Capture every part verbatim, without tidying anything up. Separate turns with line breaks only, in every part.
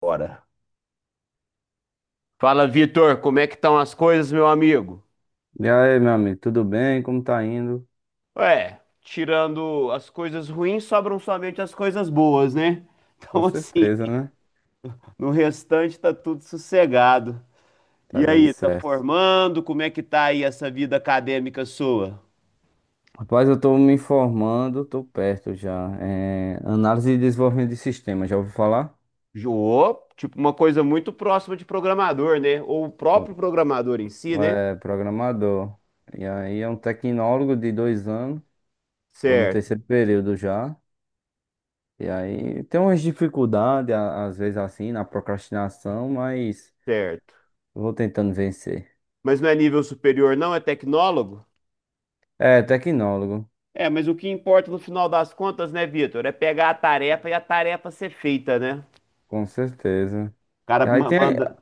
Bora. Fala, Vitor, como é que estão as coisas, meu amigo?
E aí, meu amigo, tudo bem? Como tá indo?
Ué, tirando as coisas ruins, sobram somente as coisas boas, né?
Com
Então, assim,
certeza, né?
no restante tá tudo sossegado.
Tá
E
dando
aí, tá
certo.
formando? Como é que tá aí essa vida acadêmica sua?
Rapaz, eu tô me informando, tô perto já. É, análise e desenvolvimento de sistema, já ouviu falar?
Jô, tipo uma coisa muito próxima de programador, né? Ou o
Bom,
próprio programador em si, né?
é programador. E aí é um tecnólogo de dois anos, tô no
Certo,
terceiro período já. E aí tem umas dificuldades, a- às vezes assim, na procrastinação, mas
certo.
eu vou tentando vencer.
Mas não é nível superior, não, é tecnólogo?
É, tecnólogo,
É, mas o que importa no final das contas, né, Vitor, é pegar a tarefa e a tarefa ser feita, né? O
com certeza.
cara
E aí
ma-
tem,
manda.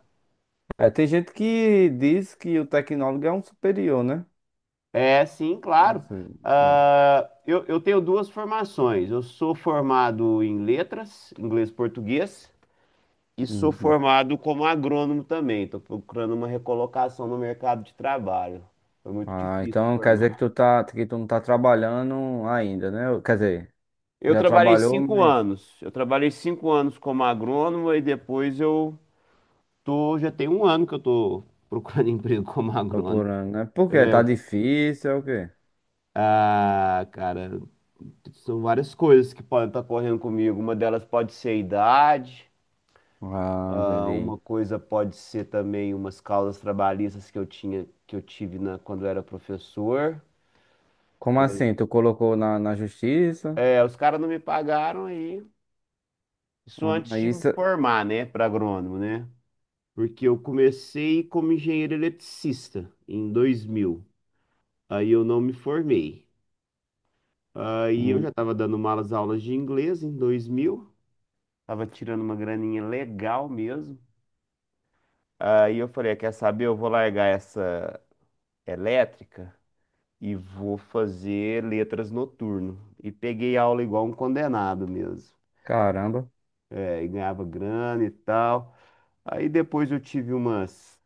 é, tem gente que diz que o tecnólogo é um superior, né?
É, sim,
Não
claro.
sei. É.
Ah, eu, eu tenho duas formações. Eu sou formado em letras, inglês e português, e sou
Uhum.
formado como agrônomo também. Estou procurando uma recolocação no mercado de trabalho. Foi muito
Ah,
difícil
então quer
formar.
dizer que tu tá, que tu não tá trabalhando ainda, né? Ou, quer dizer,
Eu
já
trabalhei
trabalhou,
cinco
mas
anos. Eu trabalhei cinco anos como agrônomo e depois eu. Tô, já tem um ano que eu tô procurando emprego como agrônomo.
procurando, né? Por quê?
É,
Tá difícil, é o quê?
ah, cara, são várias coisas que podem estar correndo comigo. Uma delas pode ser a idade,
Ah,
ah,
entendi.
uma coisa pode ser também umas causas trabalhistas que eu tinha, que eu tive na, quando eu era professor.
Como assim? Tu colocou na, na, justiça?
É, os caras não me pagaram aí. Isso antes
Ah,
de me
isso.
formar, né, para agrônomo, né? Porque eu comecei como engenheiro eletricista em dois mil. Aí eu não me formei. Aí eu já
Hum,
estava dando malas aulas de inglês em dois mil, estava tirando uma graninha legal mesmo. Aí eu falei, "Ah, quer saber? Eu vou largar essa elétrica e vou fazer letras noturno". E peguei aula igual um condenado mesmo.
Caramba,
É, e ganhava grana e tal. Aí depois eu tive umas,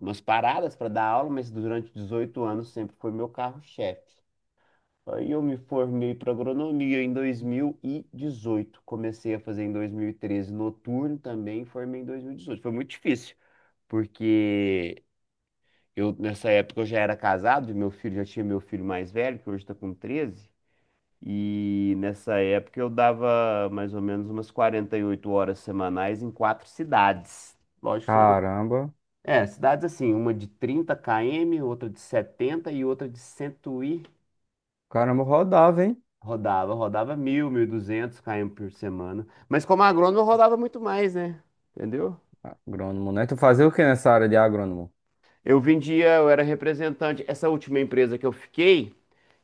umas paradas para dar aula, mas durante dezoito anos sempre foi meu carro-chefe. Aí eu me formei para agronomia em dois mil e dezoito. Comecei a fazer em dois mil e treze noturno também, formei em dois mil e dezoito. Foi muito difícil, porque eu nessa época eu já era casado, e meu filho já tinha meu filho mais velho, que hoje está com treze, e nessa época eu dava mais ou menos umas quarenta e oito horas semanais em quatro cidades. Lógico, são-
caramba,
é, cidades assim, uma de trinta quilômetros, outra de setenta e outra de cem e.
caramba, rodava, hein?
Rodava, rodava mil, mil e duzentos km por semana. Mas como agrônomo eu rodava muito mais, né? Entendeu?
Agrônomo, né? Tu fazia o que nessa área de agrônomo?
Eu vendia, eu era representante. Essa última empresa que eu fiquei,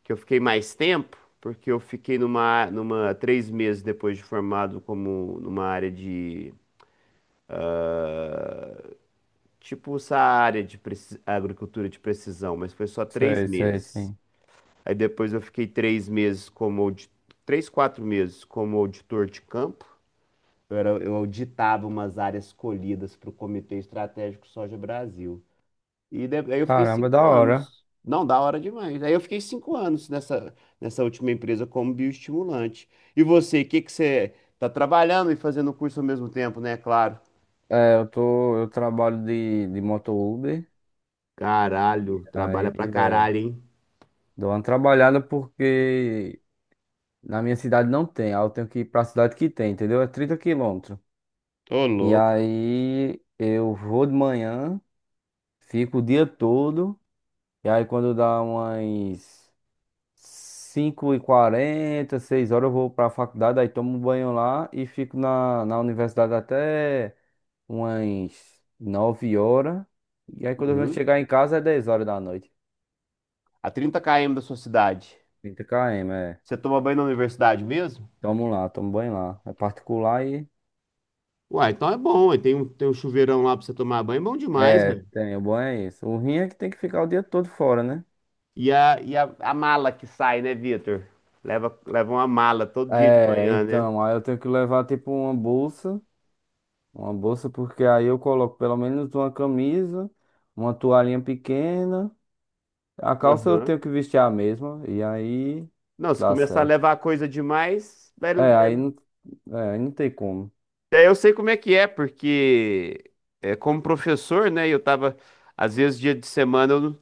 que eu fiquei mais tempo, porque eu fiquei numa, numa três meses depois de formado como numa área de, tipo essa área de preci- agricultura de precisão, mas foi só três
Sei, sei,
meses.
sim.
Aí depois eu fiquei três meses como, audi- três, quatro meses como auditor de campo. Eu, era, eu auditava umas áreas colhidas para o Comitê Estratégico Soja Brasil. E de- aí eu fiquei
Caramba, da
cinco
hora.
anos. Não, da hora demais. Aí eu fiquei cinco anos nessa, nessa última empresa como bioestimulante. E você, o que que você tá trabalhando e fazendo curso ao mesmo tempo, né? Claro.
É, eu tô, eu trabalho de, de moto Uber,
Caralho, trabalha
aí
pra
é,
caralho, hein?
dou uma trabalhada porque na minha cidade não tem, aí eu tenho que ir pra cidade que tem, entendeu? É trinta quilômetros.
Tô
E
louco.
aí eu vou de manhã, fico o dia todo, e aí quando dá umas cinco e quarenta seis horas eu vou pra faculdade, aí tomo um banho lá e fico na, na, universidade até umas nove horas, e aí quando eu venho
Uhum.
chegar em casa é dez horas da noite.
A trinta quilômetros da sua cidade.
trinta quilômetros, é.
Você toma banho na universidade mesmo?
Toma lá, toma banho lá. É particular e.
Uai, então é bom, ué. Tem um, tem um chuveirão lá pra você tomar banho. É bom demais,
É,
velho.
tem, o banho é isso. O rim é que tem que ficar o dia todo fora, né?
E a, e a, a mala que sai, né, Vitor? Leva, leva uma mala todo dia de
É,
manhã, né?
então, aí eu tenho que levar tipo uma bolsa, uma bolsa, porque aí eu coloco pelo menos uma camisa, uma toalhinha pequena. A calça eu
Aham.
tenho que vestir a mesma, e aí
Não, se
dá
começar a
certo.
levar coisa demais, vai-
É, aí
vai-
não, é, aí não tem como.
daí eu sei como é que é, porque é, como professor, né? Eu tava, às vezes, dia de semana, eu não-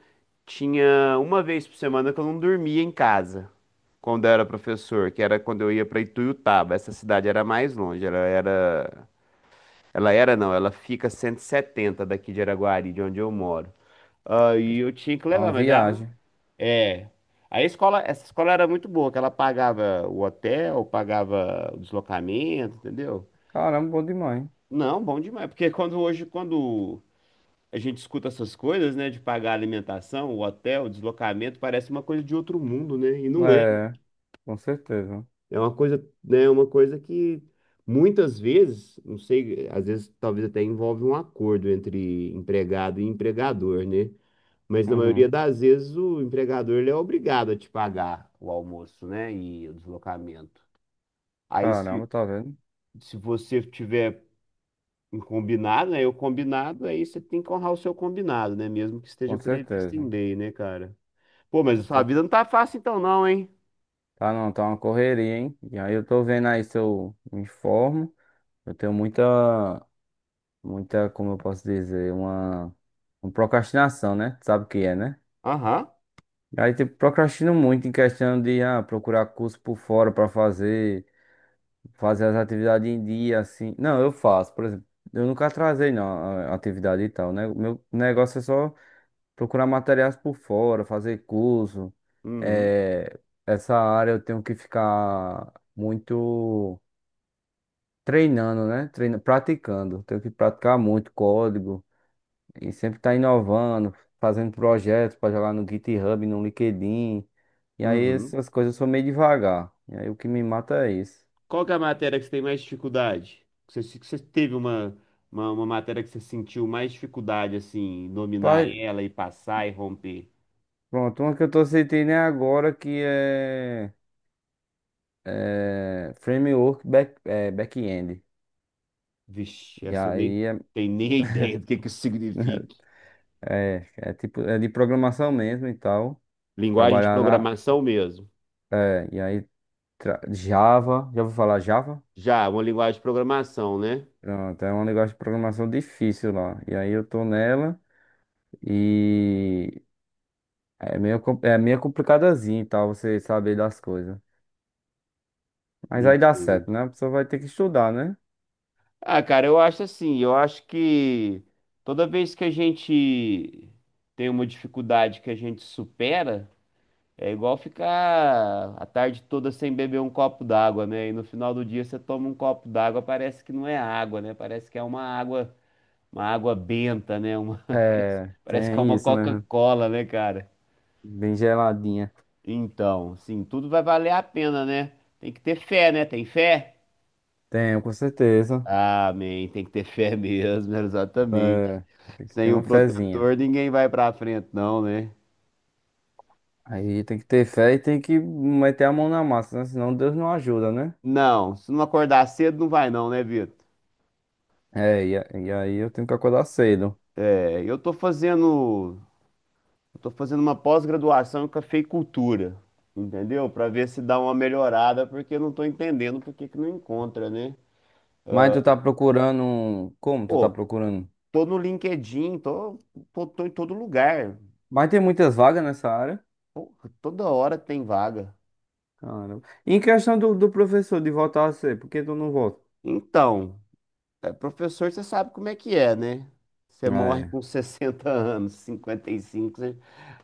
tinha uma vez por semana que eu não dormia em casa, quando eu era professor, que era quando eu ia para Ituiutaba. Essa cidade era mais longe, ela era. Ela era, não, ela fica a cento e setenta daqui de Araguari, de onde eu moro. Aí eu tinha que
É
levar,
uma
mas ela.
viagem.
É. A escola, essa escola era muito boa, que ela pagava o hotel, pagava o deslocamento, entendeu?
Caramba, bom demais.
Não, bom demais, porque quando hoje, quando a gente escuta essas coisas, né, de pagar alimentação, o hotel, o deslocamento, parece uma coisa de outro mundo, né? E não é.
É, com certeza.
É uma coisa, né, uma coisa que muitas vezes, não sei, às vezes talvez até envolve um acordo entre empregado e empregador, né? Mas na maioria
Uhum.
das vezes o empregador ele é obrigado a te pagar o almoço, né? E o deslocamento. Aí se,
Caramba, tá vendo?
se você tiver um combinado, né? O combinado, aí você tem que honrar o seu combinado, né? Mesmo que esteja
Com
previsto em
certeza.
lei, né, cara? Pô, mas a
Com
sua
certeza.
vida não tá fácil então não, hein?
Tá, não, tá uma correria, hein? E aí eu tô vendo aí se eu me informo. Eu tenho muita, muita, como eu posso dizer, uma, uma procrastinação, né? Tu sabe o que é, né?
Aham.
E aí, tipo, procrastino muito em questão de ah, procurar curso por fora pra fazer, fazer as atividades em dia, assim. Não, eu faço, por exemplo. Eu nunca atrasei, não, a a atividade e tal, né? O meu negócio é só procurar materiais por fora, fazer curso.
Uhum.
É, essa área eu tenho que ficar muito treinando, né? Treina, praticando. Tenho que praticar muito código e sempre estar inovando, fazendo projetos para jogar no GitHub, no LinkedIn. E aí
Uhum.
essas coisas eu sou meio devagar. E aí o que me mata é isso.
Qual que é a matéria que você tem mais dificuldade? Que você, se- que você teve uma, uma, uma matéria que você sentiu mais dificuldade, assim, em dominar
Pai,
ela e passar e romper?
pronto, uma que eu tô sentindo é agora que é, é framework back, é, back-end.
Vixe,
E
essa eu nem
aí é
tenho nem a ideia do que que isso significa.
É, é tipo, é de programação mesmo e tal.
Linguagem de
Trabalhar na.
programação mesmo.
É, e aí, tra- Java, já vou falar Java?
Já, uma linguagem de programação, né?
Pronto, é um negócio de programação difícil lá. E aí eu tô nela e é meio, com- é meio complicadazinho e tal, você saber das coisas. Mas aí dá
Entendo.
certo, né? A pessoa vai ter que estudar, né?
Ah, cara, eu acho assim, eu acho que toda vez que a gente tem uma dificuldade que a gente supera, é igual ficar a tarde toda sem beber um copo d'água, né? E no final do dia você toma um copo d'água, parece que não é água, né? Parece que é uma água, uma água benta, né? Uma, parece,
É,
parece que é
tem
uma
isso mesmo.
Coca-Cola, né, cara?
Bem geladinha.
Então, sim, tudo vai valer a pena, né? Tem que ter fé, né? Tem fé?
Tenho, com certeza.
Amém. Tem que ter fé mesmo, exatamente.
É, tem que ter
Sem o
uma fezinha.
protetor, ninguém vai pra frente, não, né?
Aí tem que ter fé e tem que meter a mão na massa, né? Senão Deus não ajuda, né?
Não, se não acordar cedo, não vai, não, né, Vitor?
É, e, a- e aí eu tenho que acordar cedo.
É, eu tô fazendo, eu tô fazendo uma pós-graduação em cafeicultura, entendeu? Pra ver se dá uma melhorada, porque eu não tô entendendo por que que não encontra, né?
Mas tu tá procurando, um- como tu tá
Pô,
procurando?
tô no LinkedIn, tô, tô, tô em todo lugar,
Mas tem muitas vagas nessa área.
toda hora tem vaga.
Caramba. E em questão do, do professor de voltar a ser, por que tu não volta?
Então, é, professor, você sabe como é que é, né? Você morre
É,
com sessenta anos, cinquenta e cinco, você...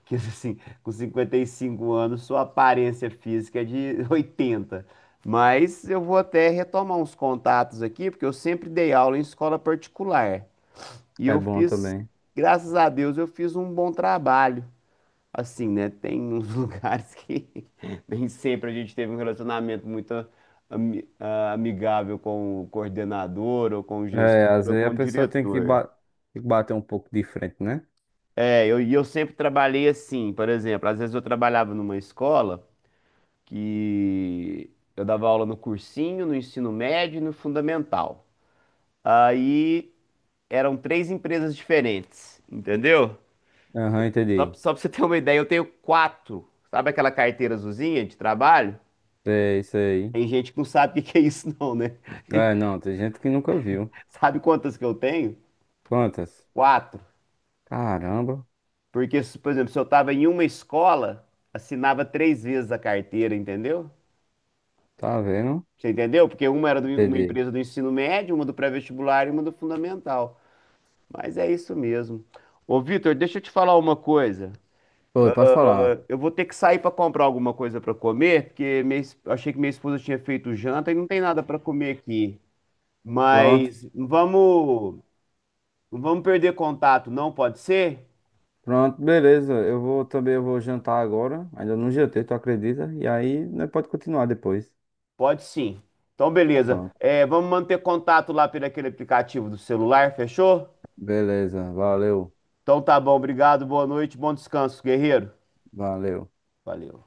Que assim, com cinquenta e cinco anos, sua aparência física é de oitenta. Mas eu vou até retomar uns contatos aqui, porque eu sempre dei aula em escola particular. E
é
eu
bom
fiz,
também.
graças a Deus, eu fiz um bom trabalho. Assim, né? Tem uns lugares que nem sempre a gente teve um relacionamento muito ami- ah, amigável com o coordenador, ou com o
É,
gestor,
às
ou
vezes
com
a
o
pessoa tem que,
diretor.
ba- tem que bater um pouco de frente, né?
É, eu, e eu sempre trabalhei assim, por exemplo, às vezes eu trabalhava numa escola que eu dava aula no cursinho, no ensino médio e no fundamental. Aí eram três empresas diferentes, entendeu?
Aham,
Só, pra-
entendi.
só pra você ter uma ideia, eu tenho quatro. Sabe aquela carteira azulzinha de trabalho?
É isso aí.
Tem gente que não sabe o que que é isso, não, né?
É, não, tem gente que nunca viu.
Sabe quantas que eu tenho?
Quantas?
Quatro.
Caramba,
Porque, se- por exemplo, se eu estava em uma escola, assinava três vezes a carteira, entendeu?
tá vendo?
Você entendeu? Porque uma era de uma
Entendi.
empresa do ensino médio, uma do pré-vestibular e uma do fundamental. Mas é isso mesmo. Ô, Vitor, deixa eu te falar uma coisa.
Oi, posso
Ah,
falar?
eu vou ter que sair para comprar alguma coisa para comer, porque minha es- eu achei que minha esposa tinha feito janta e não tem nada para comer aqui.
Pronto.
Mas vamos, não vamos perder contato, não pode ser?
Pronto, beleza. Eu vou também, eu vou jantar agora. Ainda não jantei, tu acredita? E aí, né, pode continuar depois.
Pode sim. Então, beleza.
Pronto.
É, vamos manter contato lá pelo aquele aplicativo do celular, fechou?
Beleza. Valeu.
Então tá bom, obrigado, boa noite, bom descanso, guerreiro.
Valeu.
Valeu.